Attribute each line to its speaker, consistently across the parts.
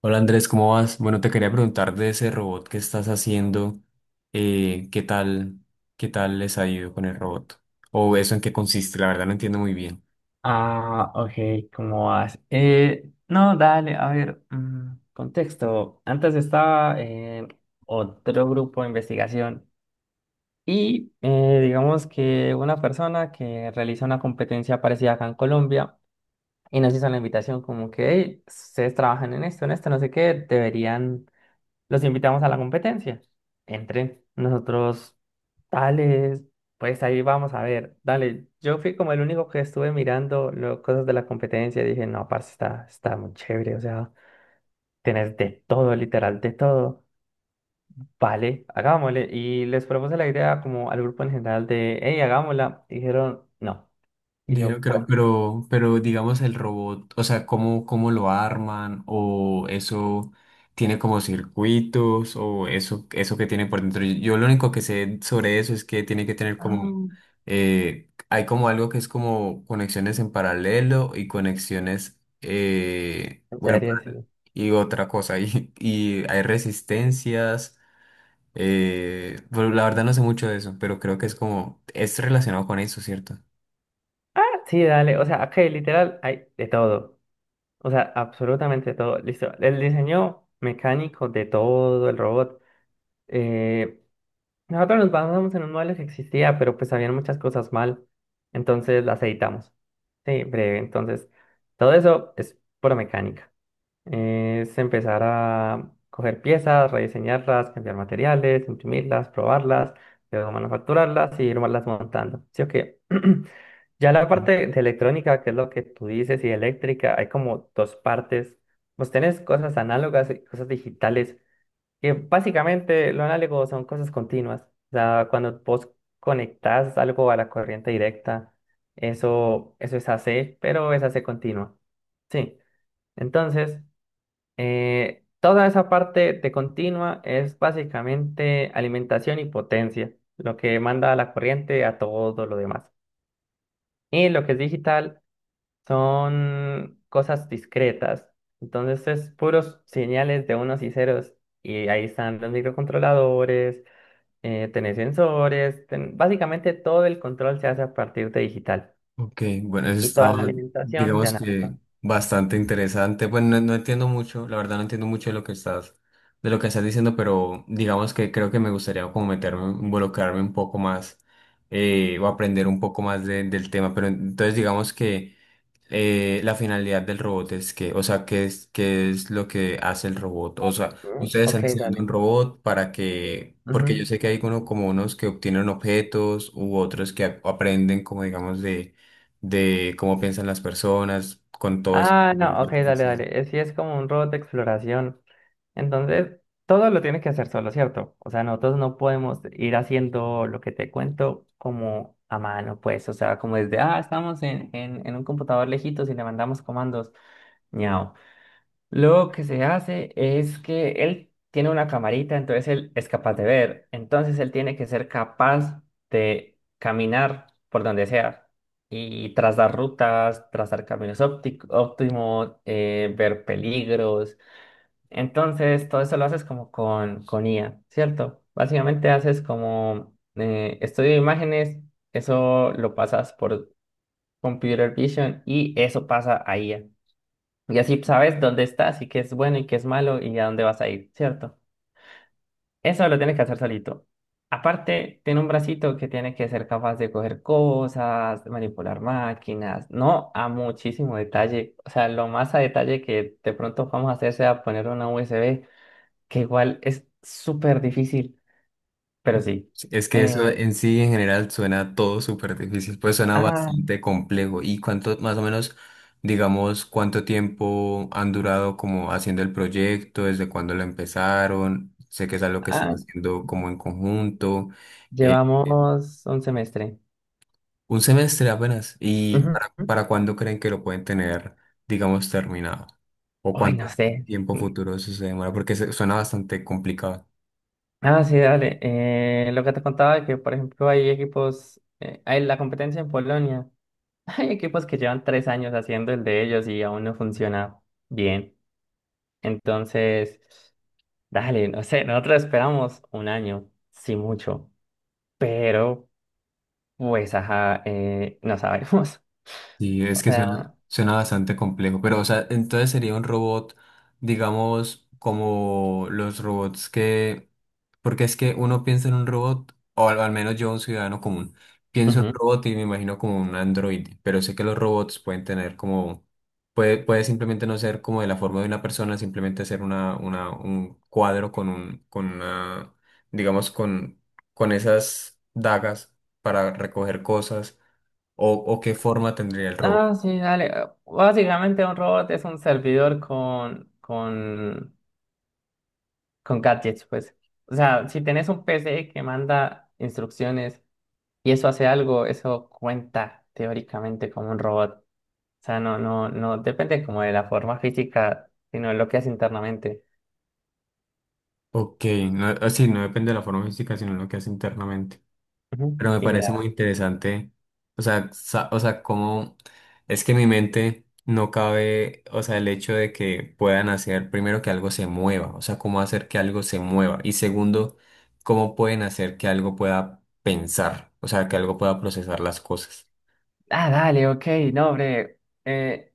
Speaker 1: Hola Andrés, ¿cómo vas? Bueno, te quería preguntar de ese robot que estás haciendo. ¿Qué tal, qué tal les ha ido con el robot? O eso en qué consiste, la verdad no entiendo muy bien.
Speaker 2: Ah, ok, ¿cómo vas? No, dale, a ver, contexto. Antes estaba en otro grupo de investigación y digamos que una persona que realiza una competencia parecida acá en Colombia y nos hizo la invitación como que, hey, ustedes trabajan en esto, no sé qué, deberían, los invitamos a la competencia. Entren, nosotros. Dale, pues ahí vamos a ver. Dale, yo fui como el único que estuve mirando cosas de la competencia y dije, no, parce, está muy chévere. O sea, tenés de todo, literal, de todo. Vale, hagámosle. Y les propuse la idea como al grupo en general de, hey, hagámosla. Y dijeron, no. Y yo,
Speaker 1: Dijeron que no,
Speaker 2: bueno.
Speaker 1: pero digamos el robot, o sea, ¿cómo, cómo lo arman? ¿O eso tiene como circuitos? ¿O eso que tiene por dentro? Yo lo único que sé sobre eso es que tiene que tener como,
Speaker 2: Ah,
Speaker 1: hay como algo que es como conexiones en paralelo y conexiones... eh,
Speaker 2: en
Speaker 1: bueno,
Speaker 2: serio, sí.
Speaker 1: y otra cosa. Y y hay resistencias. Bueno, la verdad no sé mucho de eso, pero creo que es como, es relacionado con eso, ¿cierto?
Speaker 2: Ah, sí, dale, o sea, aquí literal hay de todo. O sea, absolutamente todo. Listo. El diseño mecánico de todo el robot. eh, Nosotros nos basamos en un modelo que existía, pero pues habían muchas cosas mal, entonces las editamos. Sí, breve. Entonces, todo eso es pura mecánica. Es empezar a coger piezas, rediseñarlas, cambiar materiales, imprimirlas, probarlas, luego manufacturarlas y irlas montando. Sí, o. Ya la parte de electrónica, que es lo que tú dices, y eléctrica, hay como dos partes. Pues tenés cosas análogas y cosas digitales. Que básicamente lo análogo son cosas continuas. O sea, cuando vos conectás algo a la corriente directa, eso es AC, pero es AC continua. Sí. Entonces, toda esa parte de continua es básicamente alimentación y potencia, lo que manda la corriente a todo lo demás. Y lo que es digital son cosas discretas. Entonces, es puros señales de unos y ceros. Y ahí están los microcontroladores. Tenés sensores, básicamente todo el control se hace a partir de digital.
Speaker 1: Ok, bueno, eso
Speaker 2: Y
Speaker 1: está,
Speaker 2: toda la alimentación de
Speaker 1: digamos que
Speaker 2: análogo.
Speaker 1: bastante interesante. Bueno, no, no entiendo mucho, la verdad no entiendo mucho de lo que estás, de lo que estás diciendo, pero digamos que creo que me gustaría como meterme, involucrarme un poco más, o aprender un poco más del tema. Pero entonces digamos que, la finalidad del robot es que, o sea, qué es lo que hace el robot? O sea,
Speaker 2: Mm,
Speaker 1: ustedes están
Speaker 2: ok,
Speaker 1: diseñando un
Speaker 2: dale.
Speaker 1: robot para que,
Speaker 2: Ujú.
Speaker 1: porque yo sé que hay uno, como unos que obtienen objetos u otros que aprenden como digamos de cómo piensan las personas con todo eso.
Speaker 2: Ah, no, ok, dale, dale. Sí, es como un robot de exploración. Entonces, todo lo tienes que hacer solo, ¿cierto? O sea, nosotros no podemos ir haciendo lo que te cuento como a mano, pues. O sea, como desde, estamos en un computador lejitos y le mandamos comandos. Ñao. Lo que se hace es que él tiene una camarita, entonces él es capaz de ver. Entonces él tiene que ser capaz de caminar por donde sea y trazar rutas, trazar caminos óptimos, ver peligros. Entonces todo eso lo haces como con IA, ¿cierto? Básicamente haces como estudio de imágenes, eso lo pasas por Computer Vision y eso pasa a IA. Y así sabes dónde estás y qué es bueno y qué es malo y a dónde vas a ir, ¿cierto? Eso lo tienes que hacer solito. Aparte, tiene un bracito que tiene que ser capaz de coger cosas, de manipular máquinas, no a muchísimo detalle. O sea, lo más a detalle que de pronto vamos a hacer sea poner una USB, que igual es súper difícil, pero sí.
Speaker 1: Sí, es que eso
Speaker 2: Eh,
Speaker 1: en sí en general suena todo súper difícil, pues suena
Speaker 2: ah,
Speaker 1: bastante complejo. ¿Y cuánto, más o menos, digamos, cuánto tiempo han durado como haciendo el proyecto? ¿Desde cuándo lo empezaron? Sé que es algo que están
Speaker 2: ah,
Speaker 1: haciendo como en conjunto. eh, eh,
Speaker 2: Llevamos un semestre.
Speaker 1: un semestre apenas. ¿Y
Speaker 2: Ujú.
Speaker 1: para cuándo creen que lo pueden tener, digamos, terminado? ¿O
Speaker 2: Ay,
Speaker 1: cuánto
Speaker 2: no sé.
Speaker 1: tiempo futuro eso se demora? Porque suena bastante complicado.
Speaker 2: Ah, sí, dale. Lo que te contaba de que, por ejemplo, hay equipos, hay la competencia en Polonia. Hay equipos que llevan 3 años haciendo el de ellos y aún no funciona bien. Entonces, dale, no sé, nosotros esperamos un año, sí mucho, pero pues, ajá, no sabemos.
Speaker 1: Sí, es
Speaker 2: O
Speaker 1: que suena,
Speaker 2: sea,
Speaker 1: suena bastante complejo, pero o sea, entonces sería un robot, digamos, como los robots que, porque es que uno piensa en un robot, o al, al menos yo, un ciudadano común, pienso en un
Speaker 2: ujú.
Speaker 1: robot y me imagino como un androide, pero sé que los robots pueden tener como, puede, puede simplemente no ser como de la forma de una persona, simplemente ser una, un cuadro con un, con una, digamos, con esas dagas para recoger cosas. O qué forma tendría el robo?
Speaker 2: Ah, sí, dale. Básicamente un robot es un servidor con gadgets, pues. O sea, si tenés un PC que manda instrucciones y eso hace algo, eso cuenta teóricamente como un robot. O sea, no, no, no depende como de la forma física, sino de lo que hace internamente.
Speaker 1: Ok, no, así no depende de la forma física, sino lo que hace internamente.
Speaker 2: Ujú.
Speaker 1: Pero me
Speaker 2: Y
Speaker 1: parece muy
Speaker 2: ya.
Speaker 1: interesante, o sea, o sea, cómo es que en mi mente no cabe, o sea, el hecho de que puedan hacer primero que algo se mueva, o sea, cómo hacer que algo se mueva. Y segundo, cómo pueden hacer que algo pueda pensar, o sea, que algo pueda procesar las cosas.
Speaker 2: Ah, dale, ok, no, hombre. Eh,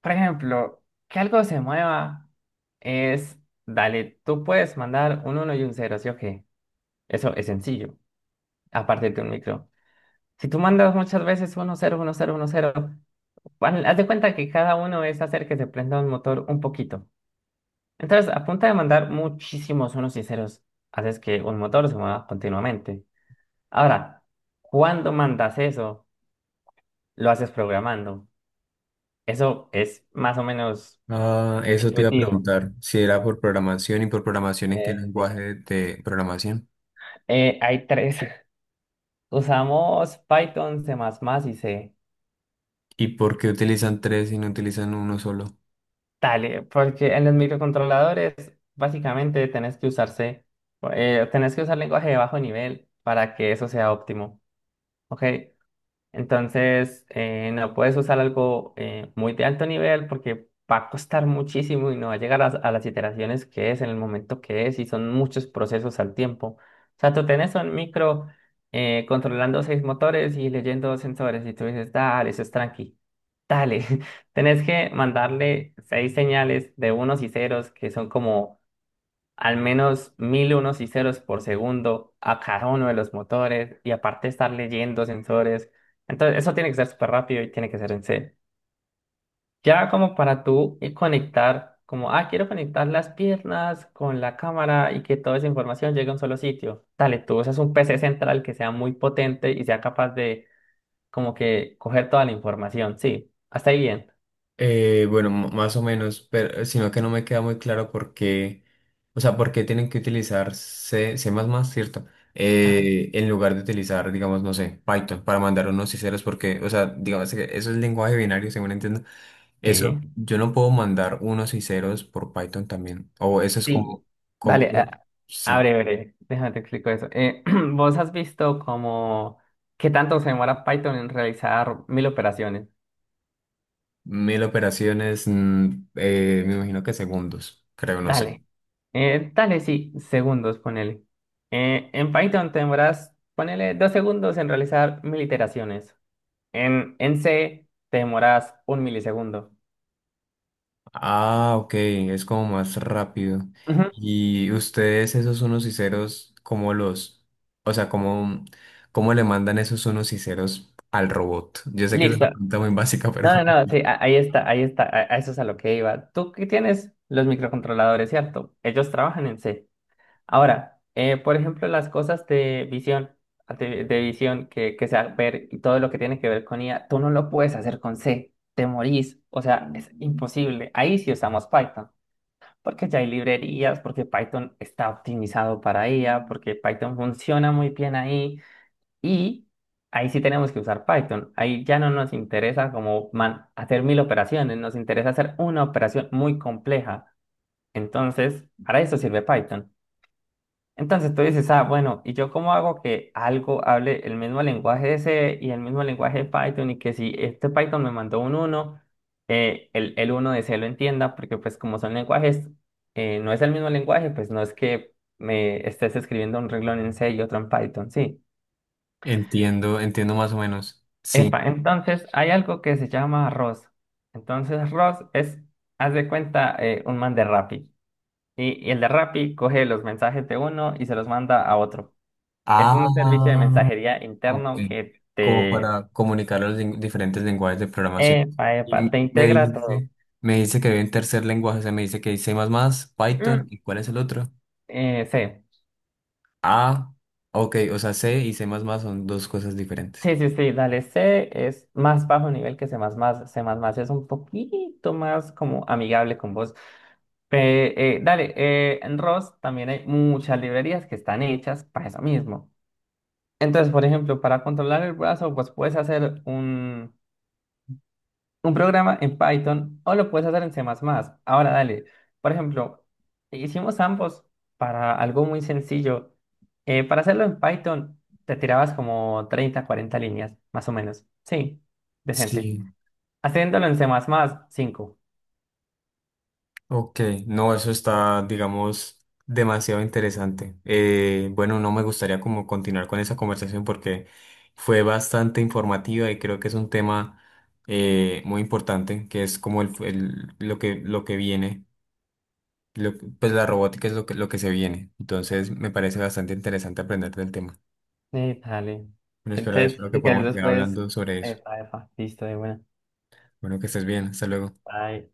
Speaker 2: por ejemplo, que algo se mueva es, dale, tú puedes mandar un uno y un cero, ¿sí o qué? Eso es sencillo, aparte de un micro. Si tú mandas muchas veces uno cero uno cero uno cero. Bueno, haz de cuenta que cada uno es hacer que se prenda un motor un poquito. Entonces, a punta de mandar muchísimos unos y ceros, haces que un motor se mueva continuamente. Ahora, cuando mandas eso, lo haces programando. Eso es más o menos
Speaker 1: Ah, eso te iba a
Speaker 2: intuitivo.
Speaker 1: preguntar, si era por programación y por programación, ¿en qué
Speaker 2: Sí.
Speaker 1: lenguaje de programación?
Speaker 2: Hay tres. Usamos Python, C++ y C.
Speaker 1: ¿Y por qué utilizan tres y no utilizan uno solo?
Speaker 2: Dale, porque en los microcontroladores básicamente tenés que usar lenguaje de bajo nivel para que eso sea óptimo. Ok, entonces no puedes usar algo muy de alto nivel porque va a costar muchísimo y no va a llegar a las iteraciones que es en el momento que es y son muchos procesos al tiempo. O sea, tú tenés un micro controlando seis motores y leyendo sensores y tú dices, dale, eso es tranqui, dale. Tenés que mandarle seis señales de unos y ceros que son como al menos mil unos y ceros por segundo a cada uno de los motores y aparte estar leyendo sensores. Entonces, eso tiene que ser súper rápido y tiene que ser en C. Ya como para tú y conectar, como, quiero conectar las piernas con la cámara y que toda esa información llegue a un solo sitio. Dale, tú usas un PC central que sea muy potente y sea capaz de como que coger toda la información. Sí, hasta ahí bien.
Speaker 1: Bueno, más o menos, pero sino que no me queda muy claro por qué, o sea, por qué tienen que utilizar C, C++, ¿cierto?
Speaker 2: Ajá.
Speaker 1: En lugar de utilizar, digamos, no sé, Python para mandar unos y ceros, porque, o sea, digamos que eso es lenguaje binario, según entiendo.
Speaker 2: Sí,
Speaker 1: Eso, yo no puedo mandar unos y ceros por Python también, o eso es
Speaker 2: sí.
Speaker 1: como, como,
Speaker 2: Dale,
Speaker 1: sí,
Speaker 2: abre, abre, déjame te explico eso. ¿Vos has visto como qué tanto se demora Python en realizar mil operaciones?
Speaker 1: mil operaciones, me imagino que segundos, creo, no sé.
Speaker 2: Dale, dale, sí, segundos, ponele. En Python te demoras, ponele, 2 segundos en realizar mil iteraciones. En C te demoras un milisegundo.
Speaker 1: Ah, ok, es como más rápido.
Speaker 2: Ujú,
Speaker 1: Y ustedes, esos unos y ceros, ¿cómo los, o sea, cómo, cómo le mandan esos unos y ceros al robot? Yo sé que es una
Speaker 2: listo.
Speaker 1: pregunta muy básica, pero
Speaker 2: No, no, no, sí, ahí está, a eso es a lo que iba. Tú que tienes los microcontroladores, ¿cierto? Ellos trabajan en C. Ahora, por ejemplo, las cosas de visión, de visión que sea ver y todo lo que tiene que ver con IA, tú no lo puedes hacer con C, te morís, o sea, es imposible. Ahí sí usamos Python, porque ya hay librerías, porque Python está optimizado para IA, porque Python funciona muy bien ahí y ahí sí tenemos que usar Python. Ahí ya no nos interesa como hacer mil operaciones, nos interesa hacer una operación muy compleja. Entonces, para eso sirve Python. Entonces tú dices, ah, bueno, ¿y yo cómo hago que algo hable el mismo lenguaje C y el mismo lenguaje de Python? Y que si este Python me mandó un uno, el uno de C lo entienda, porque pues como son lenguajes, no es el mismo lenguaje, pues no es que me estés escribiendo un renglón en C y otro en Python, sí.
Speaker 1: entiendo, entiendo más o menos. Sí.
Speaker 2: Epa, entonces hay algo que se llama ROS. Entonces ROS es, haz de cuenta, un man de Rappi. Y el de Rappi coge los mensajes de uno y se los manda a otro. Es
Speaker 1: Ah,
Speaker 2: un servicio de mensajería
Speaker 1: ok.
Speaker 2: interno que
Speaker 1: Como
Speaker 2: te,
Speaker 1: para comunicar los diferentes lenguajes de programación.
Speaker 2: epa, epa, te
Speaker 1: Y
Speaker 2: integra todo.
Speaker 1: me dice que había un tercer lenguaje, o sea, me dice que dice más más, Python,
Speaker 2: Mm.
Speaker 1: ¿y cuál es el otro?
Speaker 2: C.
Speaker 1: Ah, ok, o sea, C y C++ son dos cosas diferentes.
Speaker 2: Sí, sí, sí, dale. C es más bajo nivel que C++. C++ es un poquito más como amigable con vos. Dale, en ROS también hay muchas librerías que están hechas para eso mismo. Entonces, por ejemplo, para controlar el brazo, pues puedes hacer un programa en Python o lo puedes hacer en C++. Ahora, dale, por ejemplo, hicimos ambos para algo muy sencillo. Para hacerlo en Python, te tirabas como 30 40 líneas, más o menos. Sí, decente.
Speaker 1: Sí.
Speaker 2: Haciéndolo en C++, 5.
Speaker 1: Ok, no, eso está, digamos, demasiado interesante. Bueno, no me gustaría como continuar con esa conversación porque fue bastante informativa y creo que es un tema, muy importante, que es como el, lo que viene, lo- pues la robótica es lo que se viene. Entonces, me parece bastante interesante aprender del tema.
Speaker 2: Dale.
Speaker 1: Bueno, espero,
Speaker 2: Entonces,
Speaker 1: espero que
Speaker 2: si querés
Speaker 1: podamos seguir
Speaker 2: después,
Speaker 1: hablando sobre eso.
Speaker 2: epa, epa, listo, de buena.
Speaker 1: Bueno, que estés bien, hasta luego.
Speaker 2: Bye.